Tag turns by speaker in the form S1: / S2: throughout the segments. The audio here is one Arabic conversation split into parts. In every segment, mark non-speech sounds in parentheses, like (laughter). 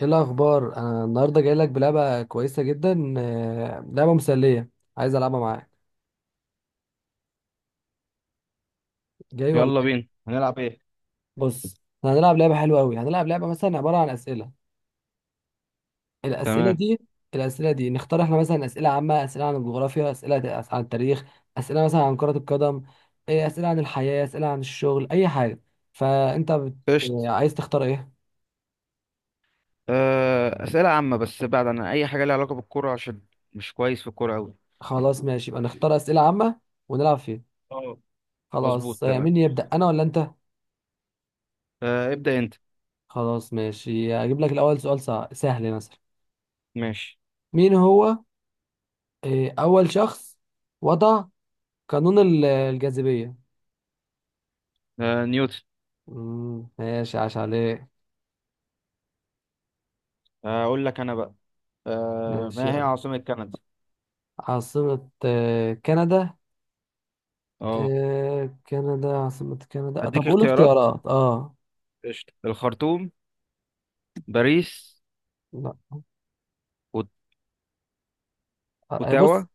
S1: ايه الاخبار؟ انا النهارده جاي لك بلعبه كويسه جدا، لعبه مسليه. عايز العبها معاك. جاي ولا
S2: يلا
S1: ايه؟
S2: بينا هنلعب ايه؟
S1: بص، احنا هنلعب لعبه حلوه قوي. هنلعب لعبه مثلا عباره عن اسئله. الاسئله
S2: تمام.
S1: دي، الاسئله دي نختار احنا، مثلا اسئله عامه، اسئله عن الجغرافيا، اسئله عن التاريخ، اسئله مثلا عن كره القدم، اسئله عن الحياه، اسئله عن الشغل، اي حاجه. فانت بت...
S2: قشط،
S1: عايز تختار ايه؟
S2: أسئلة عامة بس بعد عن أي حاجة ليها علاقة بالكرة عشان مش كويس في الكرة أوي.
S1: خلاص ماشي، يبقى نختار اسئله عامه ونلعب فيها.
S2: اه، مظبوط،
S1: خلاص
S2: تمام.
S1: مين يبدا، انا ولا انت؟
S2: ابدأ أنت.
S1: خلاص ماشي، هجيب لك الأول سؤال سهل مثلا.
S2: ماشي.
S1: مين هو أول شخص وضع قانون الجاذبية؟
S2: نيوتن.
S1: مم، ماشي، عاش عليه.
S2: أقول لك أنا بقى. آه،
S1: ماشي
S2: ما هي
S1: يلا.
S2: عاصمة كندا؟
S1: عاصمة كندا.
S2: اه،
S1: كندا، عاصمة كندا. طب
S2: أديك
S1: قول
S2: اختيارات.
S1: اختيارات. اه،
S2: قشطة. الخرطوم، باريس،
S1: لا،
S2: أوت- أوتاوا،
S1: بص.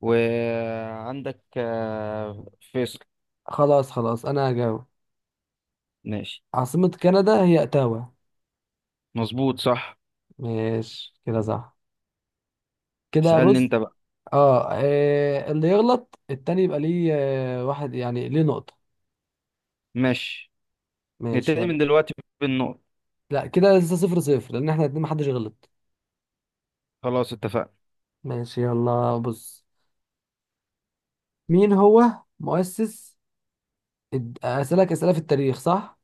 S2: وعندك فيصل.
S1: خلاص خلاص، أنا هجاوب.
S2: ماشي.
S1: عاصمة كندا هي أوتاوا.
S2: مظبوط، صح.
S1: ماشي كده صح. كده
S2: اسألني
S1: بص،
S2: أنت بقى.
S1: اه، اللي يغلط التاني يبقى ليه واحد، يعني ليه نقطة.
S2: ماشي،
S1: ماشي
S2: نبتدي
S1: يلا.
S2: من دلوقتي بالنقط.
S1: لا كده لسه 0-0، لان احنا الاتنين محدش غلط.
S2: خلاص اتفقنا.
S1: ماشي يلا، بص، مين هو مؤسس اسالك اسئله في التاريخ، صح؟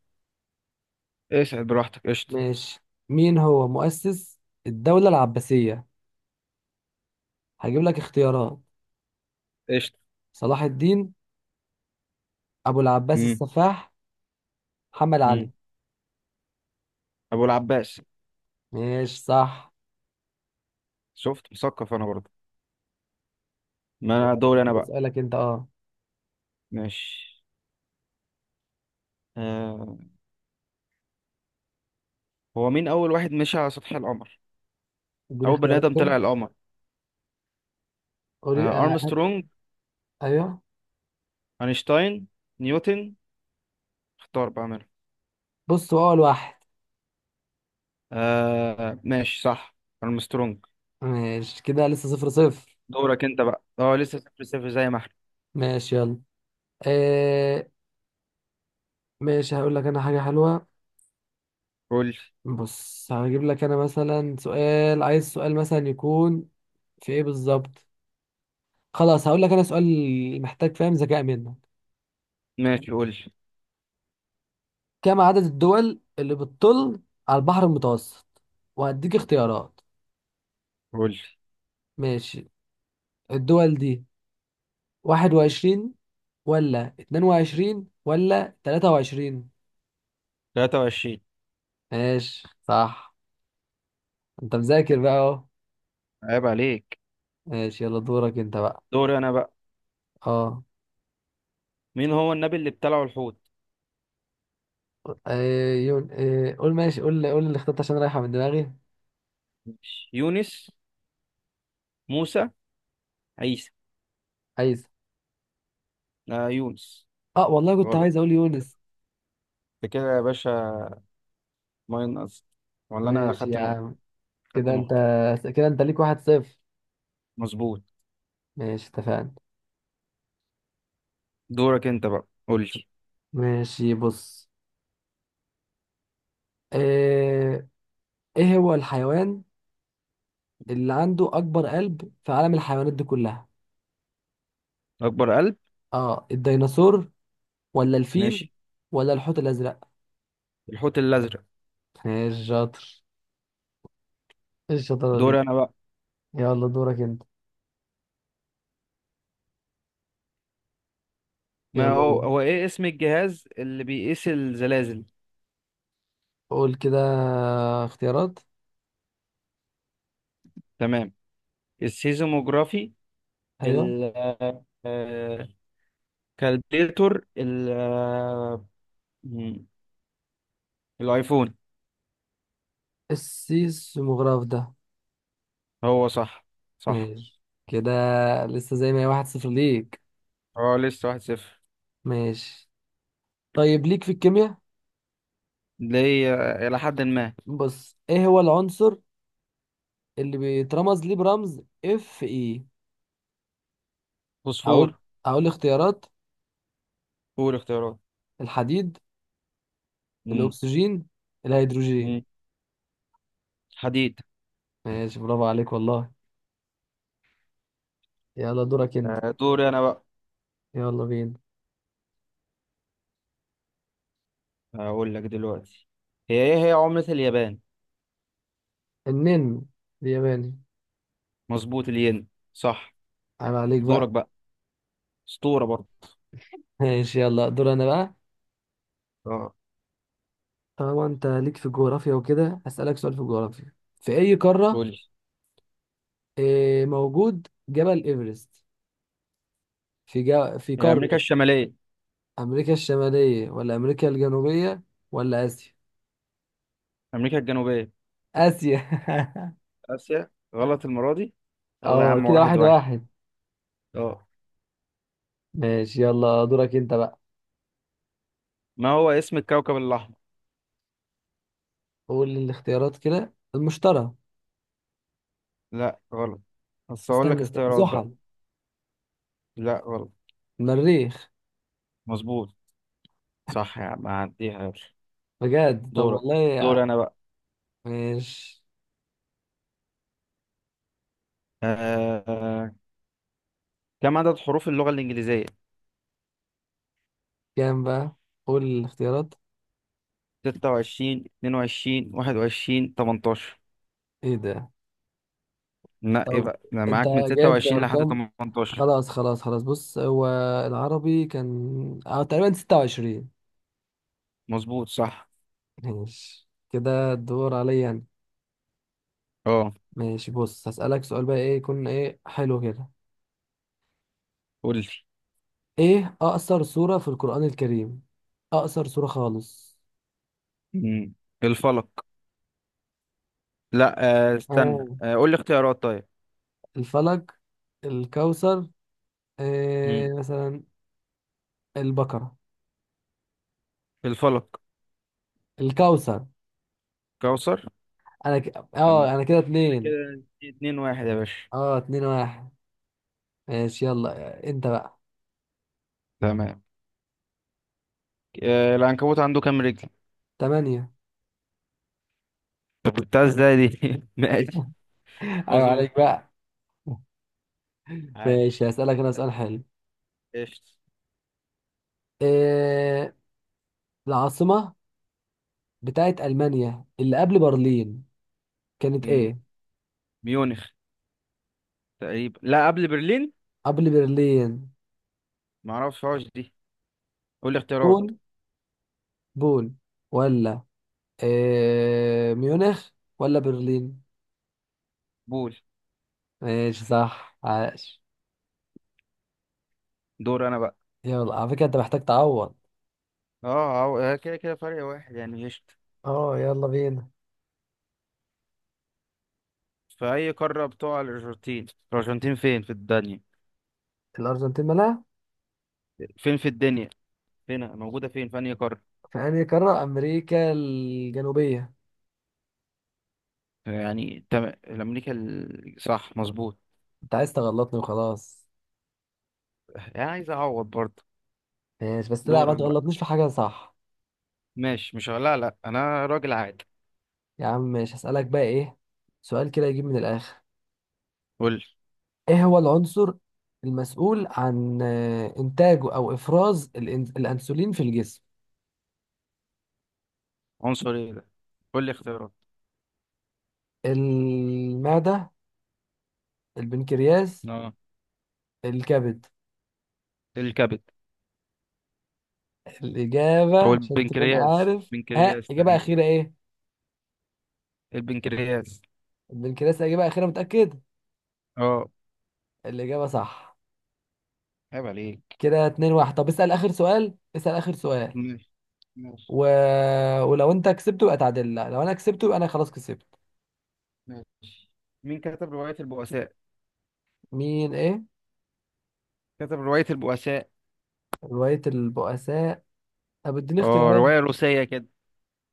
S2: اسعد براحتك، قشطة.
S1: ماشي. مين هو مؤسس الدوله العباسيه؟ هجيب لك اختيارات.
S2: قشطة.
S1: صلاح الدين، ابو العباس
S2: مم.
S1: السفاح، محمد
S2: مم.
S1: علي.
S2: أبو العباس.
S1: ماشي صح.
S2: شفت، مثقف أنا برضه. ما أنا
S1: يلا
S2: دوري أنا
S1: كده
S2: بقى.
S1: اسالك انت،
S2: ماشي. آه. هو مين أول واحد مشي على سطح القمر؟
S1: اديني
S2: أول بني
S1: اختيارات
S2: آدم
S1: كده.
S2: طلع القمر.
S1: قولي. هات.
S2: أرمسترونج،
S1: ايوه،
S2: أينشتاين، نيوتن، اختار بقى منهم.
S1: بص هو اول واحد.
S2: ماشي، صح أرمسترونج.
S1: ماشي كده، لسه صفر صفر.
S2: دورك أنت بقى، أه لسه صفر صفر زي ما إحنا.
S1: ماشي يلا، آه ماشي، هقول لك انا حاجه حلوه.
S2: قول.
S1: بص، هجيب لك انا مثلا سؤال، عايز سؤال مثلا يكون في ايه بالظبط. خلاص، هقول لك انا سؤال محتاج فاهم، ذكاء منك.
S2: ماشي، قول
S1: كم عدد الدول اللي بتطل على البحر المتوسط؟ وهديك اختيارات.
S2: قول.
S1: ماشي، الدول دي 21 ولا 22 ولا 23؟
S2: 23.
S1: ماشي صح. انت مذاكر بقى اهو.
S2: عيب عليك.
S1: ماشي يلا، دورك انت بقى.
S2: دوري أنا بقى.
S1: اه
S2: مين هو النبي اللي ابتلعه الحوت؟
S1: ايه يون- إيه، قول ماشي، قول قول اللي اخترت عشان رايحة من دماغي.
S2: ماشي. يونس، موسى، عيسى.
S1: عايز،
S2: آه، يونس.
S1: اه والله كنت
S2: غلط،
S1: عايز اقول يونس.
S2: انت كده يا باشا. ماينس؟ ولا انا
S1: ماشي
S2: خدت
S1: يا
S2: نقطة؟
S1: عم.
S2: خدت
S1: كده انت
S2: نقطة،
S1: كده انت ليك 1-0.
S2: مظبوط.
S1: ماشي اتفقنا.
S2: دورك انت بقى، قول لي.
S1: ماشي بص، ايه, ايه هو الحيوان اللي عنده اكبر قلب في عالم الحيوانات دي كلها؟
S2: اكبر قلب؟
S1: اه الديناصور، ولا الفيل،
S2: ماشي.
S1: ولا الحوت الازرق؟
S2: الحوت الازرق.
S1: ماشي شاطر. ايه الشطارة دي؟
S2: دوري انا بقى.
S1: يلا دورك انت.
S2: ما
S1: يلا
S2: هو
S1: بينا.
S2: هو ايه اسم الجهاز اللي بيقيس الزلازل؟
S1: قول كده اختيارات.
S2: تمام. السيزموجرافي،
S1: ايوه،
S2: ال آه، كالبيتور، ال آه، مم، الايفون.
S1: السيسموغراف ده؟
S2: هو صح، صح.
S1: ماشي كده، لسه زي ما هي، 1-0 ليك.
S2: اه، لسه واحد صفر.
S1: ماشي، طيب ليك في الكيمياء.
S2: ليه؟ الى حد ما.
S1: بص، ايه هو العنصر اللي بيترمز ليه برمز اف اي؟ هقول،
S2: فوسفور.
S1: اختيارات.
S2: قول اختيارات.
S1: الحديد، الاكسجين، الهيدروجين.
S2: مم. حديد.
S1: ماشي، برافو عليك والله. يلا دورك انت.
S2: دوري انا بقى.
S1: يلا بينا.
S2: هقول لك دلوقتي، هي ايه هي عملة اليابان.
S1: النن الياباني.
S2: مظبوط، الين، صح.
S1: عيب عليك
S2: دورك
S1: بقى.
S2: بقى. اسطورة برضه.
S1: ماشي يلا، دور انا بقى.
S2: اه.
S1: طالما انت ليك في الجغرافيا وكده، هسألك سؤال في الجغرافيا. في اي قارة
S2: قول لي.
S1: موجود جبل ايفرست؟ في في
S2: هي امريكا
S1: قارة
S2: الشمالية.
S1: امريكا الشمالية، ولا امريكا الجنوبية، ولا اسيا؟
S2: امريكا الجنوبية.
S1: اسيا. (laughs)
S2: اسيا، غلط المرة دي. يلا يا
S1: اه
S2: عم،
S1: كده
S2: واحد
S1: واحد
S2: واحد.
S1: واحد
S2: اه.
S1: ماشي يلا، دورك انت بقى.
S2: ما هو اسم الكوكب الاحمر؟
S1: قول الاختيارات كده. المشتري.
S2: لا غلط. بس هقول
S1: استنى
S2: لك
S1: استنى،
S2: اختيارات بقى.
S1: زحل.
S2: لا غلط.
S1: المريخ.
S2: مظبوط، صح يا عم هعديها، يلا.
S1: بجد؟ طب
S2: دورك.
S1: والله.
S2: دوري انا بقى.
S1: ماشي،
S2: آه... آه، كم عدد حروف اللغة الإنجليزية؟
S1: كام بقى؟ قول الاختيارات.
S2: 26، 22، 21، 18.
S1: ايه ده؟
S2: نقي
S1: طب
S2: بقى أنا
S1: انت
S2: معاك، من ستة
S1: جايب
S2: وعشرين لحد
S1: ارقام؟
S2: 18.
S1: خلاص خلاص خلاص، بص هو العربي كان تقريبا 26.
S2: مظبوط، صح.
S1: ماشي كده، الدور عليا انا.
S2: اه،
S1: ماشي بص، هسألك سؤال بقى ايه، يكون ايه حلو كده.
S2: قول لي.
S1: ايه اقصر سورة في القرآن الكريم؟ اقصر سورة خالص.
S2: مم. الفلك. لا. استنى،
S1: آه.
S2: قول لي اختيارات طيب.
S1: الفلق، الكوثر،
S2: مم.
S1: مثلا البقرة،
S2: الفلك.
S1: الكوثر.
S2: كوثر.
S1: انا ك...
S2: تمام،
S1: اه انا كده
S2: ده
S1: اتنين.
S2: كده اتنين واحد يا باشا.
S1: اه 2-1. ماشي يلا انت بقى.
S2: تمام. العنكبوت عنده كام رجل؟
S1: تمانية.
S2: طب جبتها ازاي دي؟ (laughs) ماشي.
S1: (laughs) ايوه
S2: مظبوط،
S1: عليك بقى. ماشي،
S2: عاش.
S1: هسألك انا سؤال حلو.
S2: قشطة.
S1: إيه العاصمة بتاعت ألمانيا اللي قبل برلين كانت
S2: مم.
S1: ايه؟
S2: ميونخ تقريبا. لا قبل برلين؟
S1: قبل برلين.
S2: معرفهاش دي، قول لي اختيارات.
S1: بون بون، ولا ميونخ، ولا برلين؟
S2: بول.
S1: ماشي صح، عاش.
S2: دور انا بقى.
S1: يلا، على فكرة انت محتاج تعوض.
S2: اه، كده كده فرق واحد يعني، قشطة.
S1: اه يلا بينا.
S2: في اي قارة بتقع الارجنتين؟ الارجنتين فين في الدنيا؟
S1: الأرجنتين مالها؟
S2: فين في الدنيا؟ فين موجودة، فين في انهي قارة؟
S1: في أنهي قارة؟ أمريكا الجنوبية.
S2: يعني تمام، الامريكا صح مظبوط.
S1: انت عايز تغلطني وخلاص.
S2: يعني عايز اعوض برضه.
S1: ماشي بس، لا، ما
S2: دورك بقى.
S1: تغلطنيش في حاجة صح.
S2: ماشي مش، لا لا انا راجل عادي.
S1: يا عم ماشي، هسألك بقى سؤال كده يجيب من الآخر.
S2: قول لي.
S1: ايه هو العنصر المسؤول عن إنتاجه أو إفراز الأنسولين في الجسم؟
S2: عنصر ايه ده؟ قول لي اختيارات.
S1: المعدة، البنكرياس،
S2: اه.
S1: الكبد.
S2: الكبد.
S1: الإجابة
S2: او
S1: عشان تكون
S2: البنكرياس،
S1: عارف، ها،
S2: بنكرياس
S1: إجابة
S2: تقريبا.
S1: أخيرة إيه؟
S2: البنكرياس.
S1: البنكرياس إجابة أخيرة، متأكد؟
S2: اه.
S1: الإجابة صح.
S2: عيب عليك.
S1: كده 2-1. طب اسأل آخر سؤال، اسأل آخر سؤال.
S2: ماشي ماشي
S1: و... ولو أنت كسبته يبقى تعادل، لا لو أنا كسبته يبقى أنا خلاص كسبت.
S2: ماشي. مين كتب رواية البؤساء؟
S1: مين إيه؟
S2: كتب رواية البؤساء.
S1: رواية البؤساء؟ طب اديني
S2: اه،
S1: اختيارات،
S2: رواية روسية كده.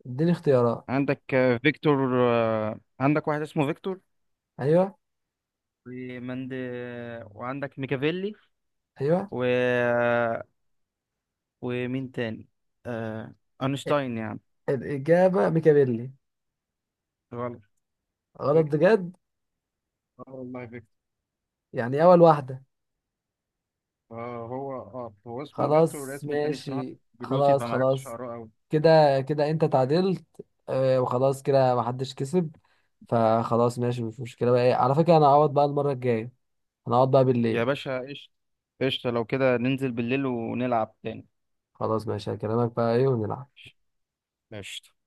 S1: اديني اختيارات.
S2: عندك فيكتور، عندك واحد اسمه فيكتور،
S1: أيوه.
S2: ومند وعندك ميكافيلي،
S1: أيوه.
S2: و... ومين تاني؟ آه... أينشتاين يعني.
S1: الإجابة ميكابيلي.
S2: غلط.
S1: غلط
S2: فيكتور.
S1: بجد؟
S2: اه والله فيكتور.
S1: يعني أول واحدة.
S2: هو اسمه فيكتور،
S1: خلاص
S2: والاسم التاني الصراحة
S1: ماشي،
S2: بالروسي
S1: خلاص
S2: فما عرفتش
S1: خلاص.
S2: اقراه قوي.
S1: كده كده انت تعادلت. وخلاص كده محدش كسب. فخلاص، ماشي مش مشكلة، بقى ايه على فكرة انا هقعد بقى المرة الجاية. انا هقعد بقى
S2: يا
S1: بالليل.
S2: باشا قشطة. قشطة، لو كده ننزل بالليل ونلعب تاني.
S1: خلاص ماشي، هكلمك بقى ايه، ونلعب.
S2: ماشي.